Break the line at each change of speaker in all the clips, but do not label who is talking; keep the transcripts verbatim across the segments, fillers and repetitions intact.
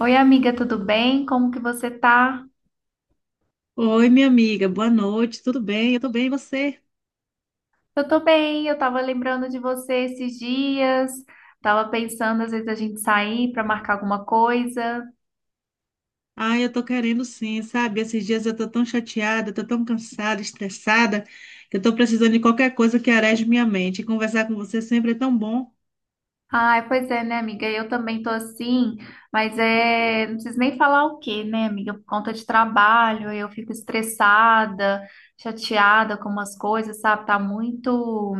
Oi, amiga, tudo bem? Como que você tá?
Oi, minha amiga, boa noite, tudo bem? Eu tô bem, e você?
Eu tô bem, eu tava lembrando de você esses dias, tava pensando às vezes a gente sair pra marcar alguma coisa.
Ah, eu tô querendo sim, sabe? Esses dias eu tô tão chateada, eu tô tão cansada, estressada, que eu tô precisando de qualquer coisa que areje minha mente. E conversar com você sempre é tão bom.
Ai, pois é, né, amiga? Eu também tô assim, mas é, não preciso nem falar o quê, né, amiga? Por conta de trabalho, eu fico estressada, chateada com umas coisas, sabe? Tá muito,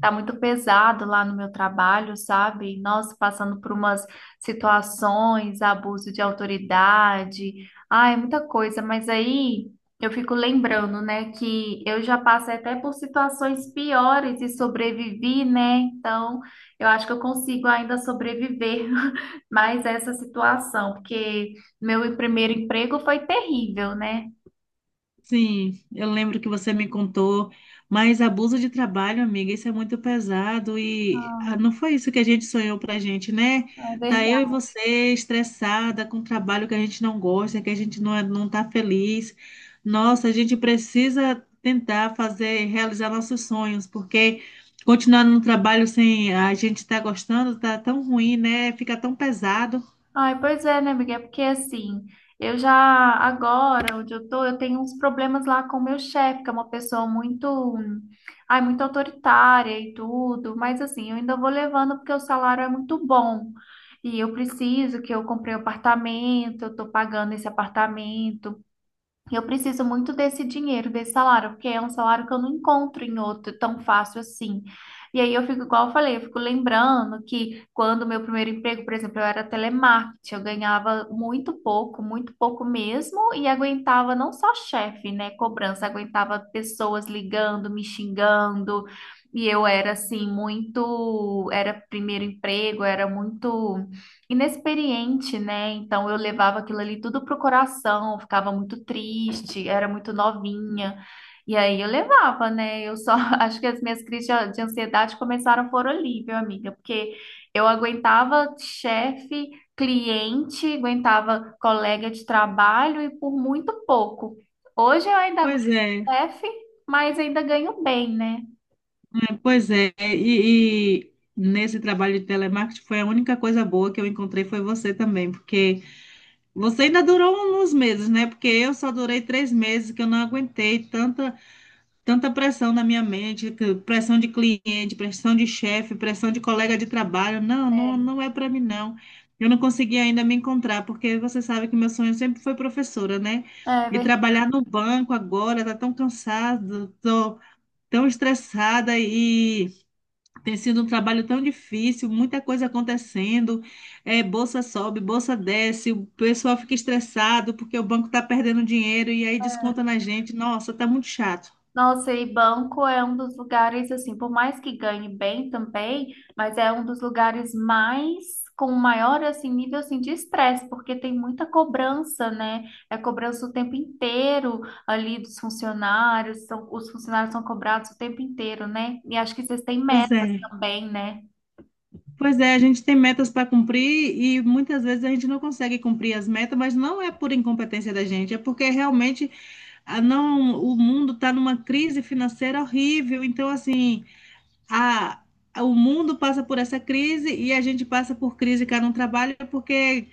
tá muito pesado lá no meu trabalho, sabe? Nossa, passando por umas situações, abuso de autoridade, ai, muita coisa, mas aí eu fico lembrando, né, que eu já passei até por situações piores e sobrevivi, né? Então, eu acho que eu consigo ainda sobreviver mais a essa situação, porque meu primeiro emprego foi terrível, né?
Sim, eu lembro que você me contou, mas abuso de trabalho, amiga, isso é muito pesado e
Ah,
ah, não foi isso que a gente sonhou pra gente, né?
é
Tá, eu e
verdade.
você estressada com um trabalho que a gente não gosta, que a gente não, é- não tá feliz. Nossa, a gente precisa tentar fazer, realizar nossos sonhos, porque continuar no trabalho sem a gente estar gostando tá tão ruim, né? Fica tão pesado.
Ai, pois é, né, amiga? É porque assim, eu já agora, onde eu tô, eu tenho uns problemas lá com o meu chefe, que é uma pessoa muito, hum, ai, muito autoritária e tudo, mas assim, eu ainda vou levando porque o salário é muito bom. E eu preciso que eu comprei um apartamento, eu tô pagando esse apartamento. Eu preciso muito desse dinheiro, desse salário, porque é um salário que eu não encontro em outro tão fácil assim. E aí eu fico, igual eu falei, eu fico lembrando que quando o meu primeiro emprego, por exemplo, eu era telemarketing, eu ganhava muito pouco, muito pouco mesmo, e aguentava não só chefe, né, cobrança, aguentava pessoas ligando, me xingando, e eu era assim, muito, era primeiro emprego, era muito inexperiente, né? Então eu levava aquilo ali tudo pro coração, ficava muito triste, era muito novinha. E aí eu levava, né? Eu só acho que as minhas crises de de ansiedade começaram por ali, viu, amiga? Porque eu aguentava chefe, cliente, aguentava colega de trabalho e por muito pouco. Hoje eu ainda
Pois
aguento
é.
chefe, mas ainda ganho bem, né?
É, pois é, e, e nesse trabalho de telemarketing foi a única coisa boa que eu encontrei, foi você também, porque você ainda durou uns meses, né? Porque eu só durei três meses, que eu não aguentei tanta, tanta pressão na minha mente, que- pressão de cliente, pressão de chefe, pressão de colega de trabalho. Não, não,
É,
não é para mim, não. Eu não consegui ainda me encontrar, porque você sabe que meu sonho sempre foi professora, né?
é
E
verdade.
trabalhar no banco agora, tá tão cansado, tô tão estressada e tem sido um trabalho tão difícil, muita coisa acontecendo, é, bolsa sobe, bolsa desce, o pessoal fica estressado porque o banco está perdendo dinheiro e aí desconta na gente. Nossa, tá muito chato.
Nossa, e banco é um dos lugares, assim, por mais que ganhe bem também, mas é um dos lugares mais com maior assim nível assim de estresse, porque tem muita cobrança, né? É cobrança o tempo inteiro ali dos funcionários, são, os funcionários são cobrados o tempo inteiro, né? E acho que vocês têm
Pois
metas
é.
também, né?
Pois é, a gente tem metas para cumprir e muitas vezes a gente não consegue cumprir as metas, mas não é por incompetência da gente, é porque realmente a não, o mundo está numa crise financeira horrível. Então, assim, a, a- o mundo passa por essa crise e a gente passa por crise cá no trabalho, porque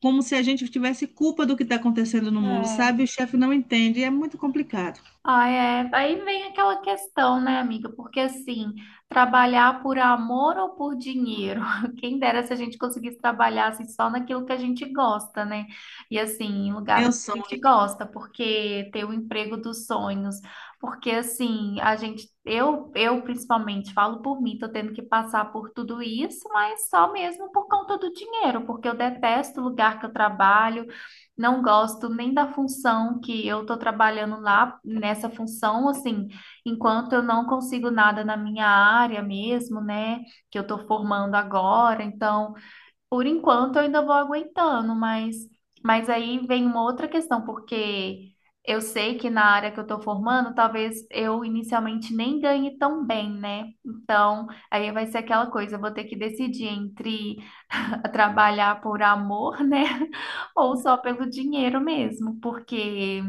como se a gente tivesse culpa do que está acontecendo no mundo,
É.
sabe? O chefe não entende, é muito complicado.
Ah, é. Aí vem aquela questão, né, amiga? Porque assim, trabalhar por amor ou por dinheiro? Quem dera se a gente conseguisse trabalhar assim, só naquilo que a gente gosta, né? E assim, em lugares
Meu
que a
sonho.
gente gosta, porque ter o emprego dos sonhos. Porque assim, a gente, eu, eu principalmente falo por mim, tô tendo que passar por tudo isso, mas só mesmo por conta do dinheiro, porque eu detesto o lugar que eu trabalho. Não gosto nem da função que eu estou trabalhando lá, nessa função, assim, enquanto eu não consigo nada na minha área mesmo, né, que eu estou formando agora. Então, por enquanto, eu ainda vou aguentando, mas, mas aí vem uma outra questão, porque eu sei que na área que eu estou formando, talvez eu inicialmente nem ganhe tão bem, né? Então, aí vai ser aquela coisa, eu vou ter que decidir entre. A trabalhar por amor, né? Ou só pelo dinheiro mesmo, porque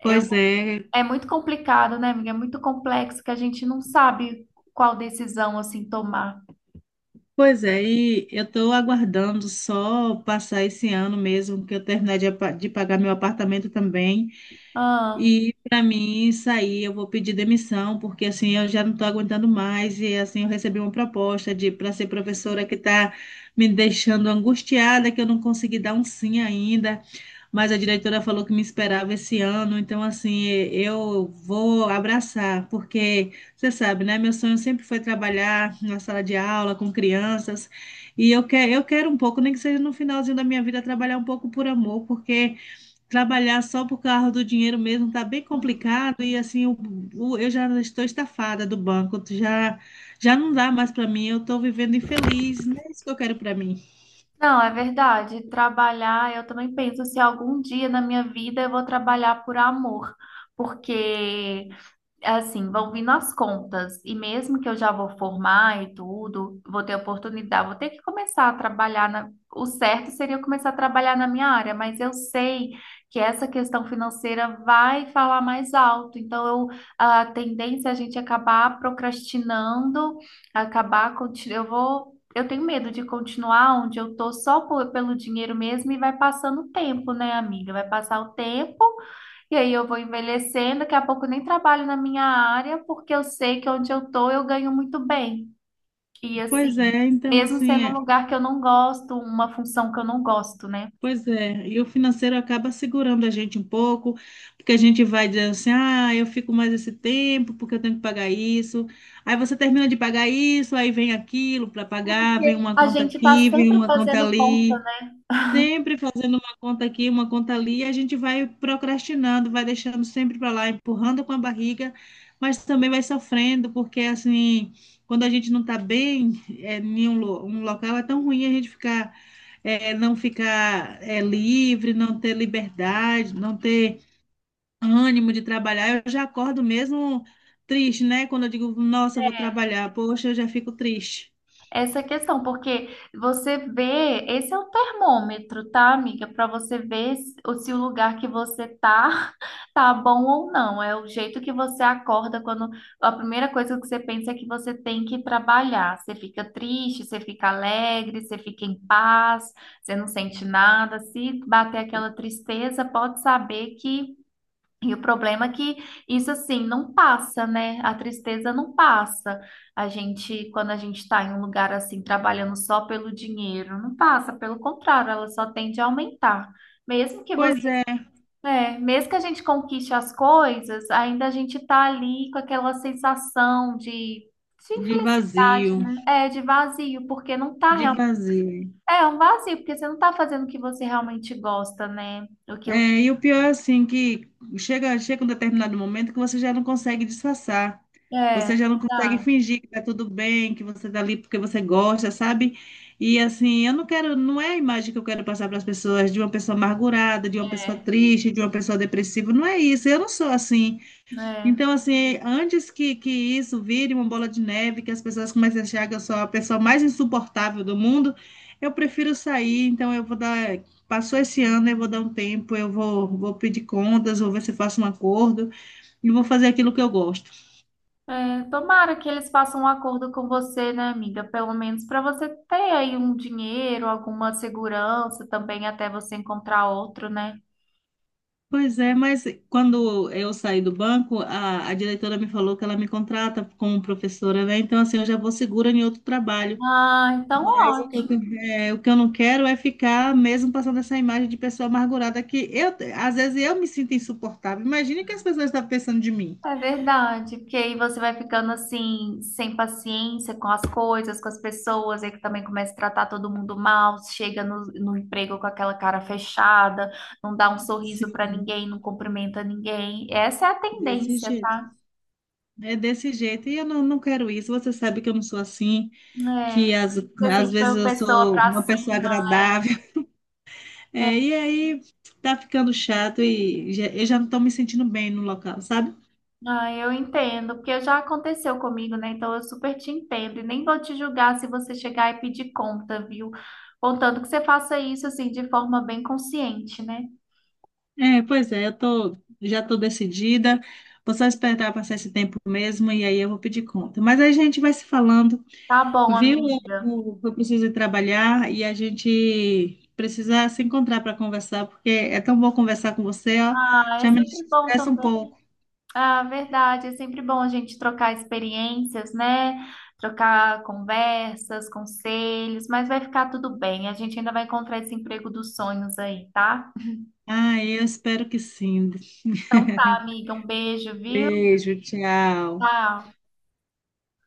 eu,
Pois é,
é muito complicado, né, amiga? É muito complexo que a gente não sabe qual decisão assim tomar.
pois é, e eu estou aguardando só passar esse ano mesmo, que eu terminar de, apa- de pagar meu apartamento também.
Ah,
E para mim sair, eu vou pedir demissão, porque assim eu já não estou aguentando mais. E assim eu recebi uma proposta de para ser professora que está me deixando angustiada, que eu não consegui dar um sim ainda. Mas a diretora falou que me esperava esse ano, então assim eu vou abraçar, porque você sabe, né? Meu sonho sempre foi trabalhar na sala de aula com crianças. E eu que, eu quero um pouco, nem que seja no finalzinho da minha vida, trabalhar um pouco por amor, porque. Trabalhar só por causa do dinheiro mesmo tá bem complicado e assim o- o- eu já estou estafada do banco, já já não dá mais para mim, eu estou vivendo infeliz, não é isso que eu quero para mim.
não, é verdade. Trabalhar, eu também penso se algum dia na minha vida eu vou trabalhar por amor, porque assim, vão vindo as contas. E mesmo que eu já vou formar e tudo, vou ter oportunidade, vou ter que começar a trabalhar na... O certo seria eu começar a trabalhar na minha área, mas eu sei que essa questão financeira vai falar mais alto. Então, eu, a tendência é a gente acabar procrastinando, acabar... conti- Eu vou... Eu tenho medo de continuar onde eu tô só por- pelo dinheiro mesmo e vai passando o tempo, né, amiga? Vai passar o tempo e aí eu vou envelhecendo, daqui a pouco eu nem trabalho na minha área, porque eu sei que onde eu tô eu ganho muito bem. E
Pois
assim,
é, então
mesmo
assim,
sendo um
é,
lugar que eu não gosto, uma função que eu não gosto, né?
pois é, e o financeiro acaba segurando a gente um pouco, porque a gente vai dizendo assim, ah, eu fico mais esse tempo porque eu tenho que pagar isso. Aí você termina de pagar isso, aí vem aquilo para pagar, vem
Porque
uma
a
conta
gente tá
aqui, vem
sempre
uma conta
fazendo conta.
ali. Sempre fazendo uma conta aqui, uma conta ali, e a gente vai procrastinando, vai deixando sempre para lá, empurrando com a barriga, mas também vai sofrendo, porque assim, quando a gente não está bem é, em um, lo- um local, é tão ruim a gente ficar, é, não ficar é, livre, não ter liberdade, não ter ânimo de trabalhar. Eu já acordo mesmo triste, né? Quando eu digo, nossa, eu vou trabalhar, poxa, eu já fico triste.
Essa questão, porque você vê, esse é o termômetro, tá, amiga? Para você ver se o se o lugar que você tá tá bom ou não. É o jeito que você acorda quando a primeira coisa que você pensa é que você tem que trabalhar. Você fica triste, você fica alegre, você fica em paz, você não sente nada. Se bater aquela tristeza, pode saber que e o problema é que isso assim não passa, né? A tristeza não passa. A gente, quando a gente está em um lugar assim, trabalhando só pelo dinheiro, não passa, pelo contrário, ela só tende a aumentar. Mesmo que você,
Pois é,
é, mesmo que a gente conquiste as coisas, ainda a gente tá ali com aquela sensação de, de
de
infelicidade,
vazio,
né? É, de vazio, porque não tá
de
real.
vazio.
É um vazio, porque você não tá fazendo o que você realmente gosta, né?
É,
Aquilo.
e o pior é assim, que chega, chega um determinado momento que você já não consegue disfarçar.
É,
Você já não consegue
verdade.
fingir que tá tudo bem, que você tá ali porque você gosta, sabe? E assim, eu não quero, não é a imagem que eu quero passar para as pessoas, de uma pessoa amargurada, de uma pessoa
É,
triste, de uma pessoa depressiva. Não é isso. Eu não sou assim.
é.
Então, assim, antes que, que isso vire uma bola de neve, que as pessoas comecem a achar que eu sou a pessoa mais insuportável do mundo, eu prefiro sair. Então, eu vou dar. Passou esse ano, eu vou dar um tempo, eu vou, vou pedir contas, vou ver se faço um acordo e vou fazer aquilo que eu gosto.
É, tomara que eles façam um acordo com você, né, amiga? Pelo menos para você ter aí um dinheiro, alguma segurança também até você encontrar outro, né?
Pois é, mas quando eu saí do banco, a, a diretora me falou que ela me contrata como professora, né? Então, assim, eu já vou segura em outro trabalho.
Ah, então
Mas o que eu,
ótimo.
é, o que eu não quero é ficar mesmo passando essa imagem de pessoa amargurada, que eu, às vezes eu me sinto insuportável. Imagine o que as pessoas estão pensando de mim.
É verdade, porque aí você vai ficando assim, sem paciência com as coisas, com as pessoas, aí que também começa a tratar todo mundo mal, chega no, no emprego com aquela cara fechada, não dá um sorriso para
Sim,
ninguém, não cumprimenta ninguém. Essa é a
desse
tendência,
jeito.
tá?
É desse jeito. E eu não, não quero isso. Você sabe que eu não sou assim, que
É,
às,
você
às
sempre foi
vezes
uma
eu
pessoa
sou
pra
uma pessoa
cima.
agradável. É, e aí tá ficando chato e já- eu já não estou me sentindo bem no local, sabe?
Ah, eu entendo, porque já aconteceu comigo, né? Então eu super te entendo e nem vou te julgar se você chegar e pedir conta, viu? Contanto que você faça isso assim de forma bem consciente, né?
É, pois é, eu tô, já tô decidida. Vou só esperar passar esse tempo mesmo e aí eu vou pedir conta. Mas aí a gente vai se falando,
Tá bom,
viu? Eu,
amiga.
vou- eu preciso ir trabalhar e a gente precisa se encontrar para conversar, porque é tão bom conversar com você, ó.
Ah, é
Já me
sempre bom
estressa um
também.
pouco.
Ah, verdade, é sempre bom a gente trocar experiências, né? Trocar conversas, conselhos, mas vai ficar tudo bem. A gente ainda vai encontrar esse emprego dos sonhos aí, tá?
Ah, eu espero que sim.
Então tá, amiga, um beijo, viu?
Beijo, tchau.
Tchau.